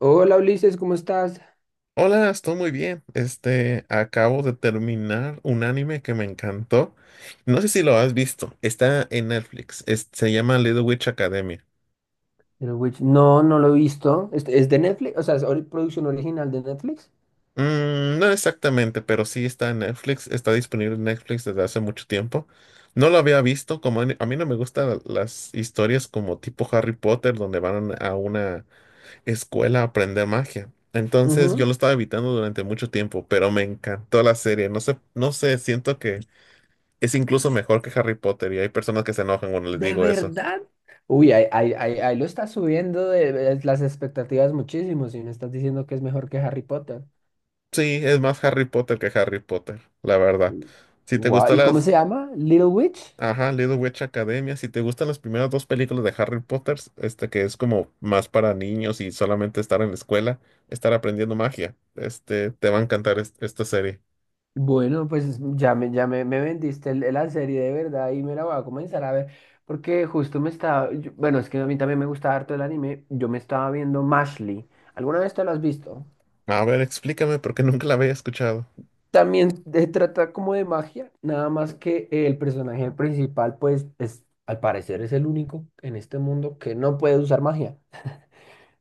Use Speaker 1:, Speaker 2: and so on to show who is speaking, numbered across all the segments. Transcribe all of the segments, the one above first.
Speaker 1: Hola Ulises, ¿cómo estás?
Speaker 2: Hola, estoy muy bien. Acabo de terminar un anime que me encantó. No sé si lo has visto. Está en Netflix. Se llama Little Witch Academia.
Speaker 1: El Witch- No, no lo he visto. ¿Es de Netflix? O sea, ¿es ori- producción original de Netflix?
Speaker 2: No exactamente, pero sí está en Netflix. Está disponible en Netflix desde hace mucho tiempo. No lo había visto. Como a mí no me gustan las historias como tipo Harry Potter, donde van a una escuela a aprender magia. Entonces yo
Speaker 1: Ujú.
Speaker 2: lo estaba evitando durante mucho tiempo, pero me encantó la serie. No sé, siento que es incluso mejor que Harry Potter, y hay personas que se enojan cuando les
Speaker 1: ¿De
Speaker 2: digo eso.
Speaker 1: verdad? Uy, ahí lo estás subiendo de las expectativas muchísimo si me estás diciendo que es mejor que Harry Potter.
Speaker 2: Sí, es más Harry Potter que Harry Potter, la verdad. Si te
Speaker 1: Guau,
Speaker 2: gustan
Speaker 1: ¿y cómo
Speaker 2: las,
Speaker 1: se llama? ¿Little Witch?
Speaker 2: ajá, Little Witch Academia, si te gustan las primeras dos películas de Harry Potter, que es como más para niños y solamente estar en la escuela, estar aprendiendo magia, te va a encantar esta serie.
Speaker 1: Bueno, pues me vendiste el- la serie de verdad y me la voy a comenzar a ver. Porque justo me estaba. Yo- bueno, es que a mí también me gusta harto el anime. Yo me estaba viendo Mashley. ¿Alguna vez te lo has visto?
Speaker 2: A ver, explícame porque nunca la había escuchado.
Speaker 1: También de- trata como de magia, nada más que el personaje principal, pues, es, al parecer es el único en este mundo que no puede usar magia.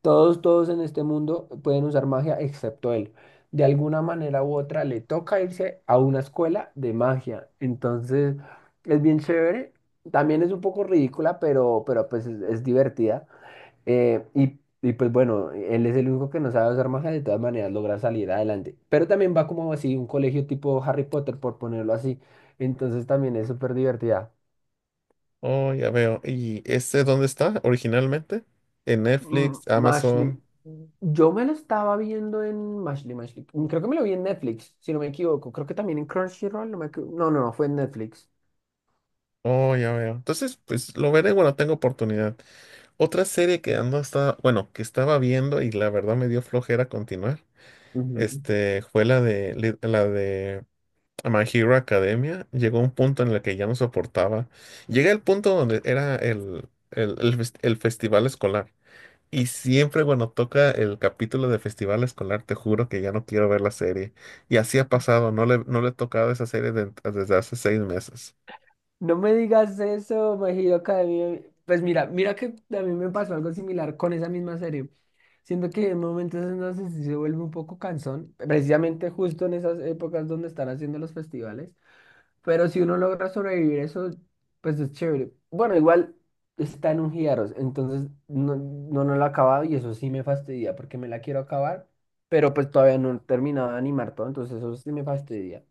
Speaker 1: Todos en este mundo pueden usar magia excepto él. De alguna manera u otra le toca irse a una escuela de magia. Entonces, es bien chévere. También es un poco ridícula, pero pues es divertida. Y pues bueno, él es el único que no sabe usar magia, de todas maneras logra salir adelante. Pero también va como así, un colegio tipo Harry Potter, por ponerlo así. Entonces también es súper divertida.
Speaker 2: Oh, ya veo. ¿Y este dónde está originalmente? ¿En
Speaker 1: Mm,
Speaker 2: Netflix,
Speaker 1: Mashley,
Speaker 2: Amazon?
Speaker 1: yo me lo estaba viendo en Mashley, Mashley. Creo que me lo vi en Netflix, si no me equivoco. Creo que también en Crunchyroll, no me equivo- No, no, fue en Netflix.
Speaker 2: Oh, ya veo. Entonces, pues lo veré cuando tenga oportunidad. Otra serie que estaba viendo y la verdad me dio flojera continuar, fue la la de My Hero Academia. Llegó un punto en el que ya no soportaba. Llegué al punto donde era el festival escolar. Y siempre cuando toca el capítulo de festival escolar, te juro que ya no quiero ver la serie. Y así ha pasado, no le he tocado esa serie desde hace 6 meses.
Speaker 1: No me digas eso, My Hero Academia. Pues mira, mira que a mí me pasó algo similar con esa misma serie. Siento que en momentos en los que sí se vuelve un poco cansón, precisamente justo en esas épocas donde están haciendo los festivales. Pero si uno logra sobrevivir eso, pues es chévere. Bueno, igual está en un Giaros, entonces no lo he acabado y eso sí me fastidia porque me la quiero acabar, pero pues todavía no he terminado de animar todo, entonces eso sí me fastidia.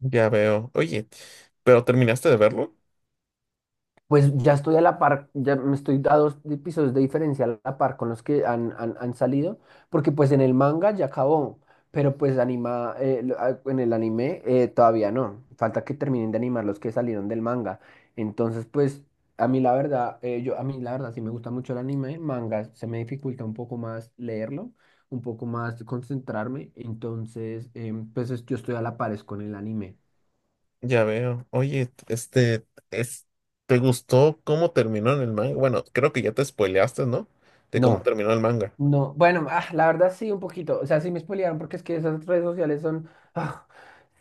Speaker 2: Ya veo. Oye, ¿pero terminaste de verlo?
Speaker 1: Pues ya estoy a la par, ya me estoy a dos di- pisos de diferencia a la par con los que han salido, porque pues en el manga ya acabó, pero pues anima, lo- ah, en el anime todavía no, falta que terminen de animar los que salieron del manga. Entonces pues a mí la verdad, yo a mí la verdad sí me gusta mucho el anime, manga se me dificulta un poco más leerlo, un poco más concentrarme, entonces pues es- yo estoy a la par es con el anime.
Speaker 2: Ya veo. Es, ¿Te gustó cómo terminó en el manga? Bueno, creo que ya te spoileaste, ¿no? De cómo
Speaker 1: No.
Speaker 2: terminó el manga.
Speaker 1: No, bueno, la verdad sí, un poquito. O sea, sí me spoilearon porque es que esas redes sociales son. ah,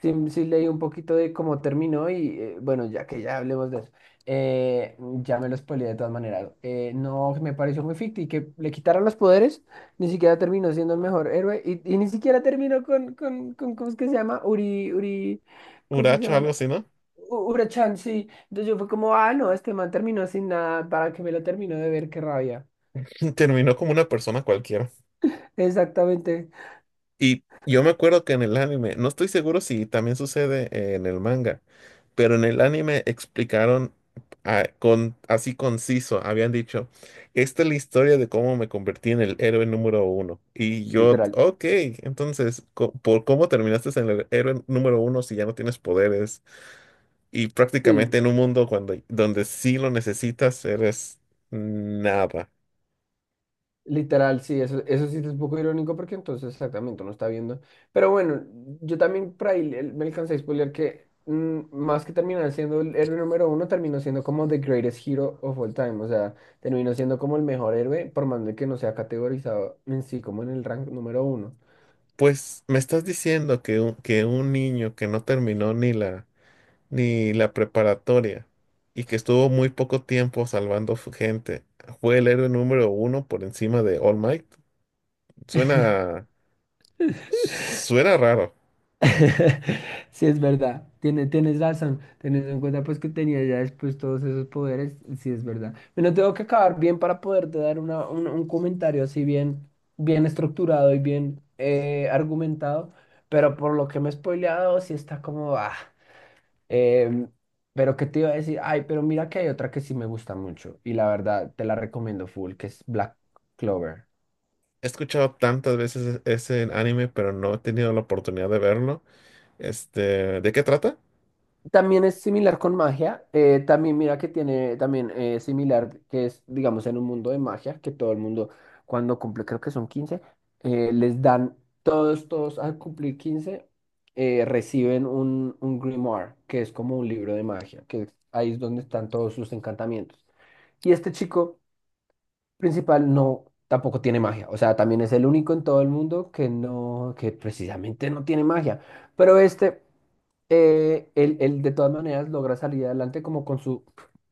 Speaker 1: sí, sí leí un poquito de cómo terminó y bueno, ya que ya hablemos de eso. eh, ya me lo spoileé de todas maneras. No, me pareció muy ficti que le quitaron los poderes, ni siquiera terminó siendo el mejor héroe y ni siquiera terminó con, ¿cómo es que se llama? Uri, Uri, ¿cómo es que se
Speaker 2: Uracho,
Speaker 1: llama?
Speaker 2: algo así, ¿no?
Speaker 1: U- Urachan, sí. Entonces yo fue como, ah, no, este man terminó sin nada, ¿para que me lo termino de ver? Qué rabia.
Speaker 2: Terminó como una persona cualquiera.
Speaker 1: Exactamente.
Speaker 2: Y yo me acuerdo que en el anime, no estoy seguro si también sucede en el manga, pero en el anime explicaron, con, así conciso, habían dicho, esta es la historia de cómo me convertí en el héroe número 1. Y yo,
Speaker 1: Literal.
Speaker 2: ok, entonces, ¿por cómo terminaste en el héroe número 1 si ya no tienes poderes? Y prácticamente
Speaker 1: Sí,
Speaker 2: en un mundo donde sí lo necesitas, eres nada.
Speaker 1: literal, sí, eso sí es un poco irónico porque entonces exactamente uno está viendo. Pero bueno, yo también por ahí le- me alcancé a spoiler que más que terminar siendo el héroe número uno, terminó siendo como the greatest hero of all time. O sea, terminó siendo como el mejor héroe, por más de que no sea categorizado en sí como en el rank número uno.
Speaker 2: Pues me estás diciendo que un niño que no terminó ni la preparatoria, y que estuvo muy poco tiempo salvando gente, fue el héroe número 1 por encima de All Might. Suena, Suena raro.
Speaker 1: Sí, es verdad, tienes razón, teniendo en cuenta pues que tenía ya después todos esos poderes, sí es verdad. Bueno, tengo que acabar bien para poderte dar un comentario así bien, bien estructurado y bien argumentado, pero por lo que me he spoileado sí está como, em, pero que te iba a decir, ay, pero mira que hay otra que sí me gusta mucho y la verdad te la recomiendo full, que es Black Clover.
Speaker 2: He escuchado tantas veces ese anime, pero no he tenido la oportunidad de verlo. Este, ¿de qué trata?
Speaker 1: También es similar con magia. También mira que tiene, también similar, que es, digamos, en un mundo de magia, que todo el mundo cuando cumple, creo que son 15 les dan, todos, todos al cumplir 15 reciben un grimoire, que es como un libro de magia, que ahí es donde están todos sus encantamientos. Y este chico principal no, tampoco tiene magia. O sea, también es el único en todo el mundo que no, que precisamente no tiene magia. Pero este, él de todas maneras logra salir adelante como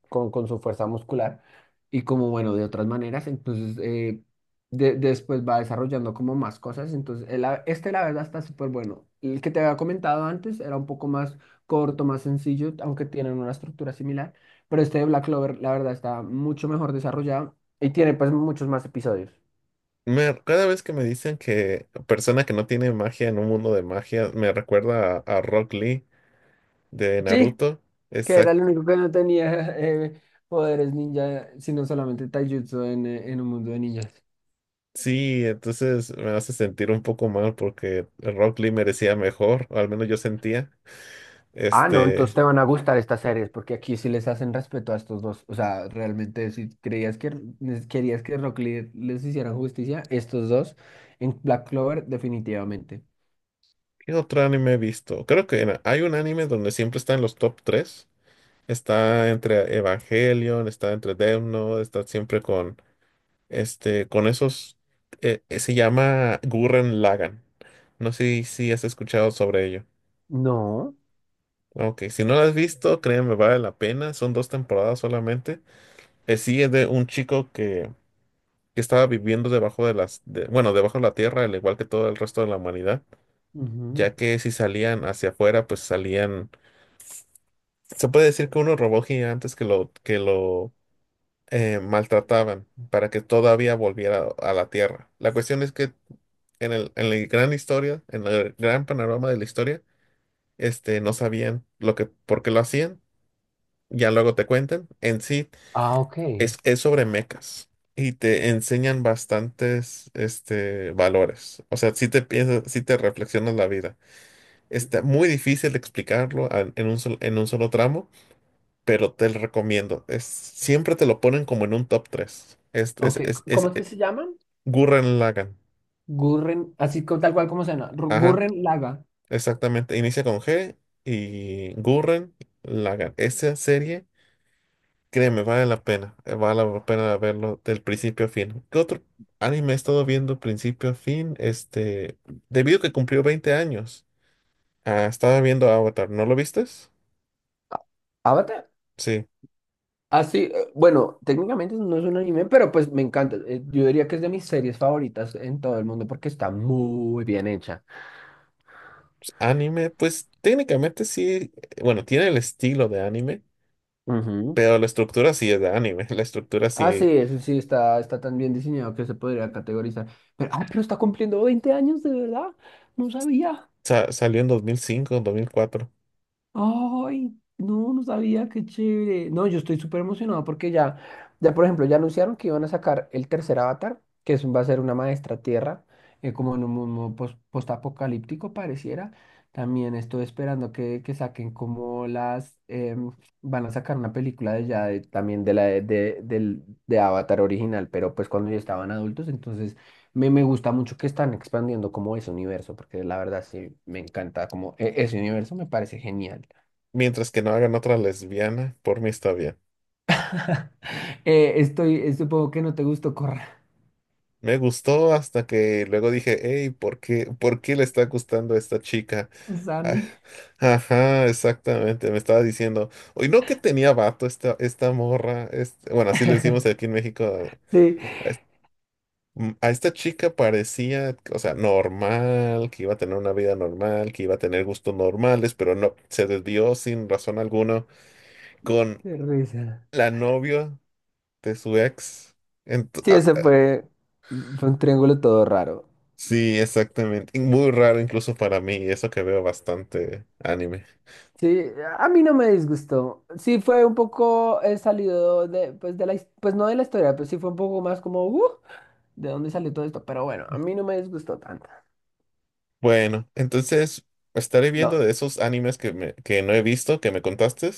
Speaker 1: con su fuerza muscular y como, bueno, de otras maneras. Entonces, de- después va desarrollando como más cosas. Entonces, el a- este la verdad está súper bueno. El que te había comentado antes era un poco más corto, más sencillo, aunque tienen una estructura similar. Pero este de Black Clover, la verdad, está mucho mejor desarrollado. Y tiene pues muchos más episodios.
Speaker 2: Me- cada vez que me dicen que persona que no tiene magia en un mundo de magia, me recuerda a Rock Lee de
Speaker 1: Sí,
Speaker 2: Naruto.
Speaker 1: que era
Speaker 2: Exacto.
Speaker 1: el único que no tenía poderes ninja, sino solamente taijutsu en un mundo de ninjas.
Speaker 2: Sí, entonces me hace sentir un poco mal porque Rock Lee merecía mejor, o al menos yo sentía.
Speaker 1: Ah, no, entonces
Speaker 2: Este,
Speaker 1: te van a gustar estas series, porque aquí sí les hacen respeto a estos dos. O sea, realmente si creías que nes- querías que Rock Lee les hiciera justicia, estos dos en Black Clover definitivamente.
Speaker 2: ¿qué otro anime he visto? Creo que hay un anime donde siempre está en los top 3. Está entre Evangelion, está entre Death Note, está siempre. Este, con esos, Se llama Gurren Lagann. No sé si has escuchado sobre ello.
Speaker 1: No.
Speaker 2: Ok, si no lo has visto, créeme, vale la pena. Son dos temporadas solamente. Sí, es de un chico que estaba viviendo debajo de bueno, debajo de la tierra, al igual que todo el resto de la humanidad, ya
Speaker 1: Ujú.
Speaker 2: que si salían hacia afuera, pues salían, se puede decir que unos robots gigantes que lo maltrataban para que todavía volviera a la Tierra. La cuestión es que en la gran historia, en el gran panorama de la historia, no sabían lo que, por qué lo hacían. Ya luego te cuentan. En sí,
Speaker 1: Ah, ok.
Speaker 2: es sobre mecas y te enseñan bastantes, este, valores. O sea, si te piensas, si te reflexionas la vida. Está muy difícil de explicarlo en un solo tramo, pero te lo recomiendo. Es, siempre te lo ponen como en un top 3.
Speaker 1: Ok, c- ¿cómo es que se llaman?
Speaker 2: Gurren Lagann.
Speaker 1: Gurren, así co- tal cual como suena. Ru-
Speaker 2: Ajá,
Speaker 1: Gurren Laga.
Speaker 2: exactamente. Inicia con G, y Gurren Lagann. Esa serie, créeme, vale la pena. Vale la pena verlo del principio a fin. ¿Qué otro anime he estado viendo principio a fin? Este, debido a que cumplió 20 años. Ah, estaba viendo Avatar. ¿No lo vistes?
Speaker 1: ¿Avatar?
Speaker 2: Sí.
Speaker 1: Así, bueno, técnicamente no es un anime, pero pues me encanta. Yo diría que es de mis series favoritas en todo el mundo porque está muy bien hecha.
Speaker 2: Anime, pues técnicamente sí. Bueno, tiene el estilo de anime,
Speaker 1: Ujú.
Speaker 2: pero la estructura sí es de anime. La estructura
Speaker 1: Ah, sí,
Speaker 2: sí
Speaker 1: eso sí, está tan bien diseñado que se podría categorizar. Pero está cumpliendo 20 años, de verdad. No sabía.
Speaker 2: salió en 2005, 2004.
Speaker 1: Ay, no, no sabía, qué chévere. No, yo estoy súper emocionado porque ya, ya por ejemplo, ya anunciaron que iban a sacar el tercer avatar, que es, va a ser una maestra tierra, como en un mundo pos- postapocalíptico pareciera. También estoy esperando que saquen como las, van a sacar una película de ya, de- también de la de, del- de Avatar original, pero pues cuando ya estaban adultos, entonces me gusta mucho que están expandiendo como ese universo, porque la verdad sí me encanta como e- ese universo me parece genial.
Speaker 2: Mientras que no hagan otra lesbiana, por mí está bien.
Speaker 1: Supongo que no te gustó Corra,
Speaker 2: Me gustó hasta que luego dije, hey, ¿por qué le está gustando a esta chica? Ah,
Speaker 1: Sammy.
Speaker 2: ajá, exactamente. Me estaba diciendo, oye, no que tenía vato esta morra. Este-" bueno, así le decimos aquí en México.
Speaker 1: Sí,
Speaker 2: Es- a esta chica parecía, o sea, normal, que iba a tener una vida normal, que iba a tener gustos normales, pero no, se desvió sin razón alguna con
Speaker 1: qué risa.
Speaker 2: la novia de su ex. Ent-
Speaker 1: Sí,
Speaker 2: ah,
Speaker 1: ese fue, fue un triángulo todo raro.
Speaker 2: sí, exactamente. Muy raro incluso para mí, y eso que veo bastante anime.
Speaker 1: Sí, a mí no me disgustó. Sí, fue un poco salido de, pues, de la, his- pues no de la historia, pero sí fue un poco más como, ¿de dónde salió todo esto? Pero bueno, a mí no me disgustó tanto.
Speaker 2: Bueno, entonces estaré viendo
Speaker 1: No,
Speaker 2: de esos animes que no he visto, que me contaste,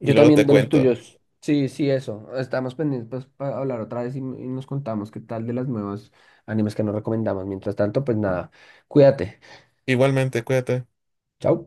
Speaker 2: y
Speaker 1: yo
Speaker 2: luego te
Speaker 1: también de los
Speaker 2: cuento.
Speaker 1: tuyos. Sí, sí, eso. Estamos pendientes pues, para hablar otra vez y nos contamos qué tal de las nuevas animes que nos recomendamos. Mientras tanto, pues nada, cuídate.
Speaker 2: Igualmente, cuídate.
Speaker 1: Chao.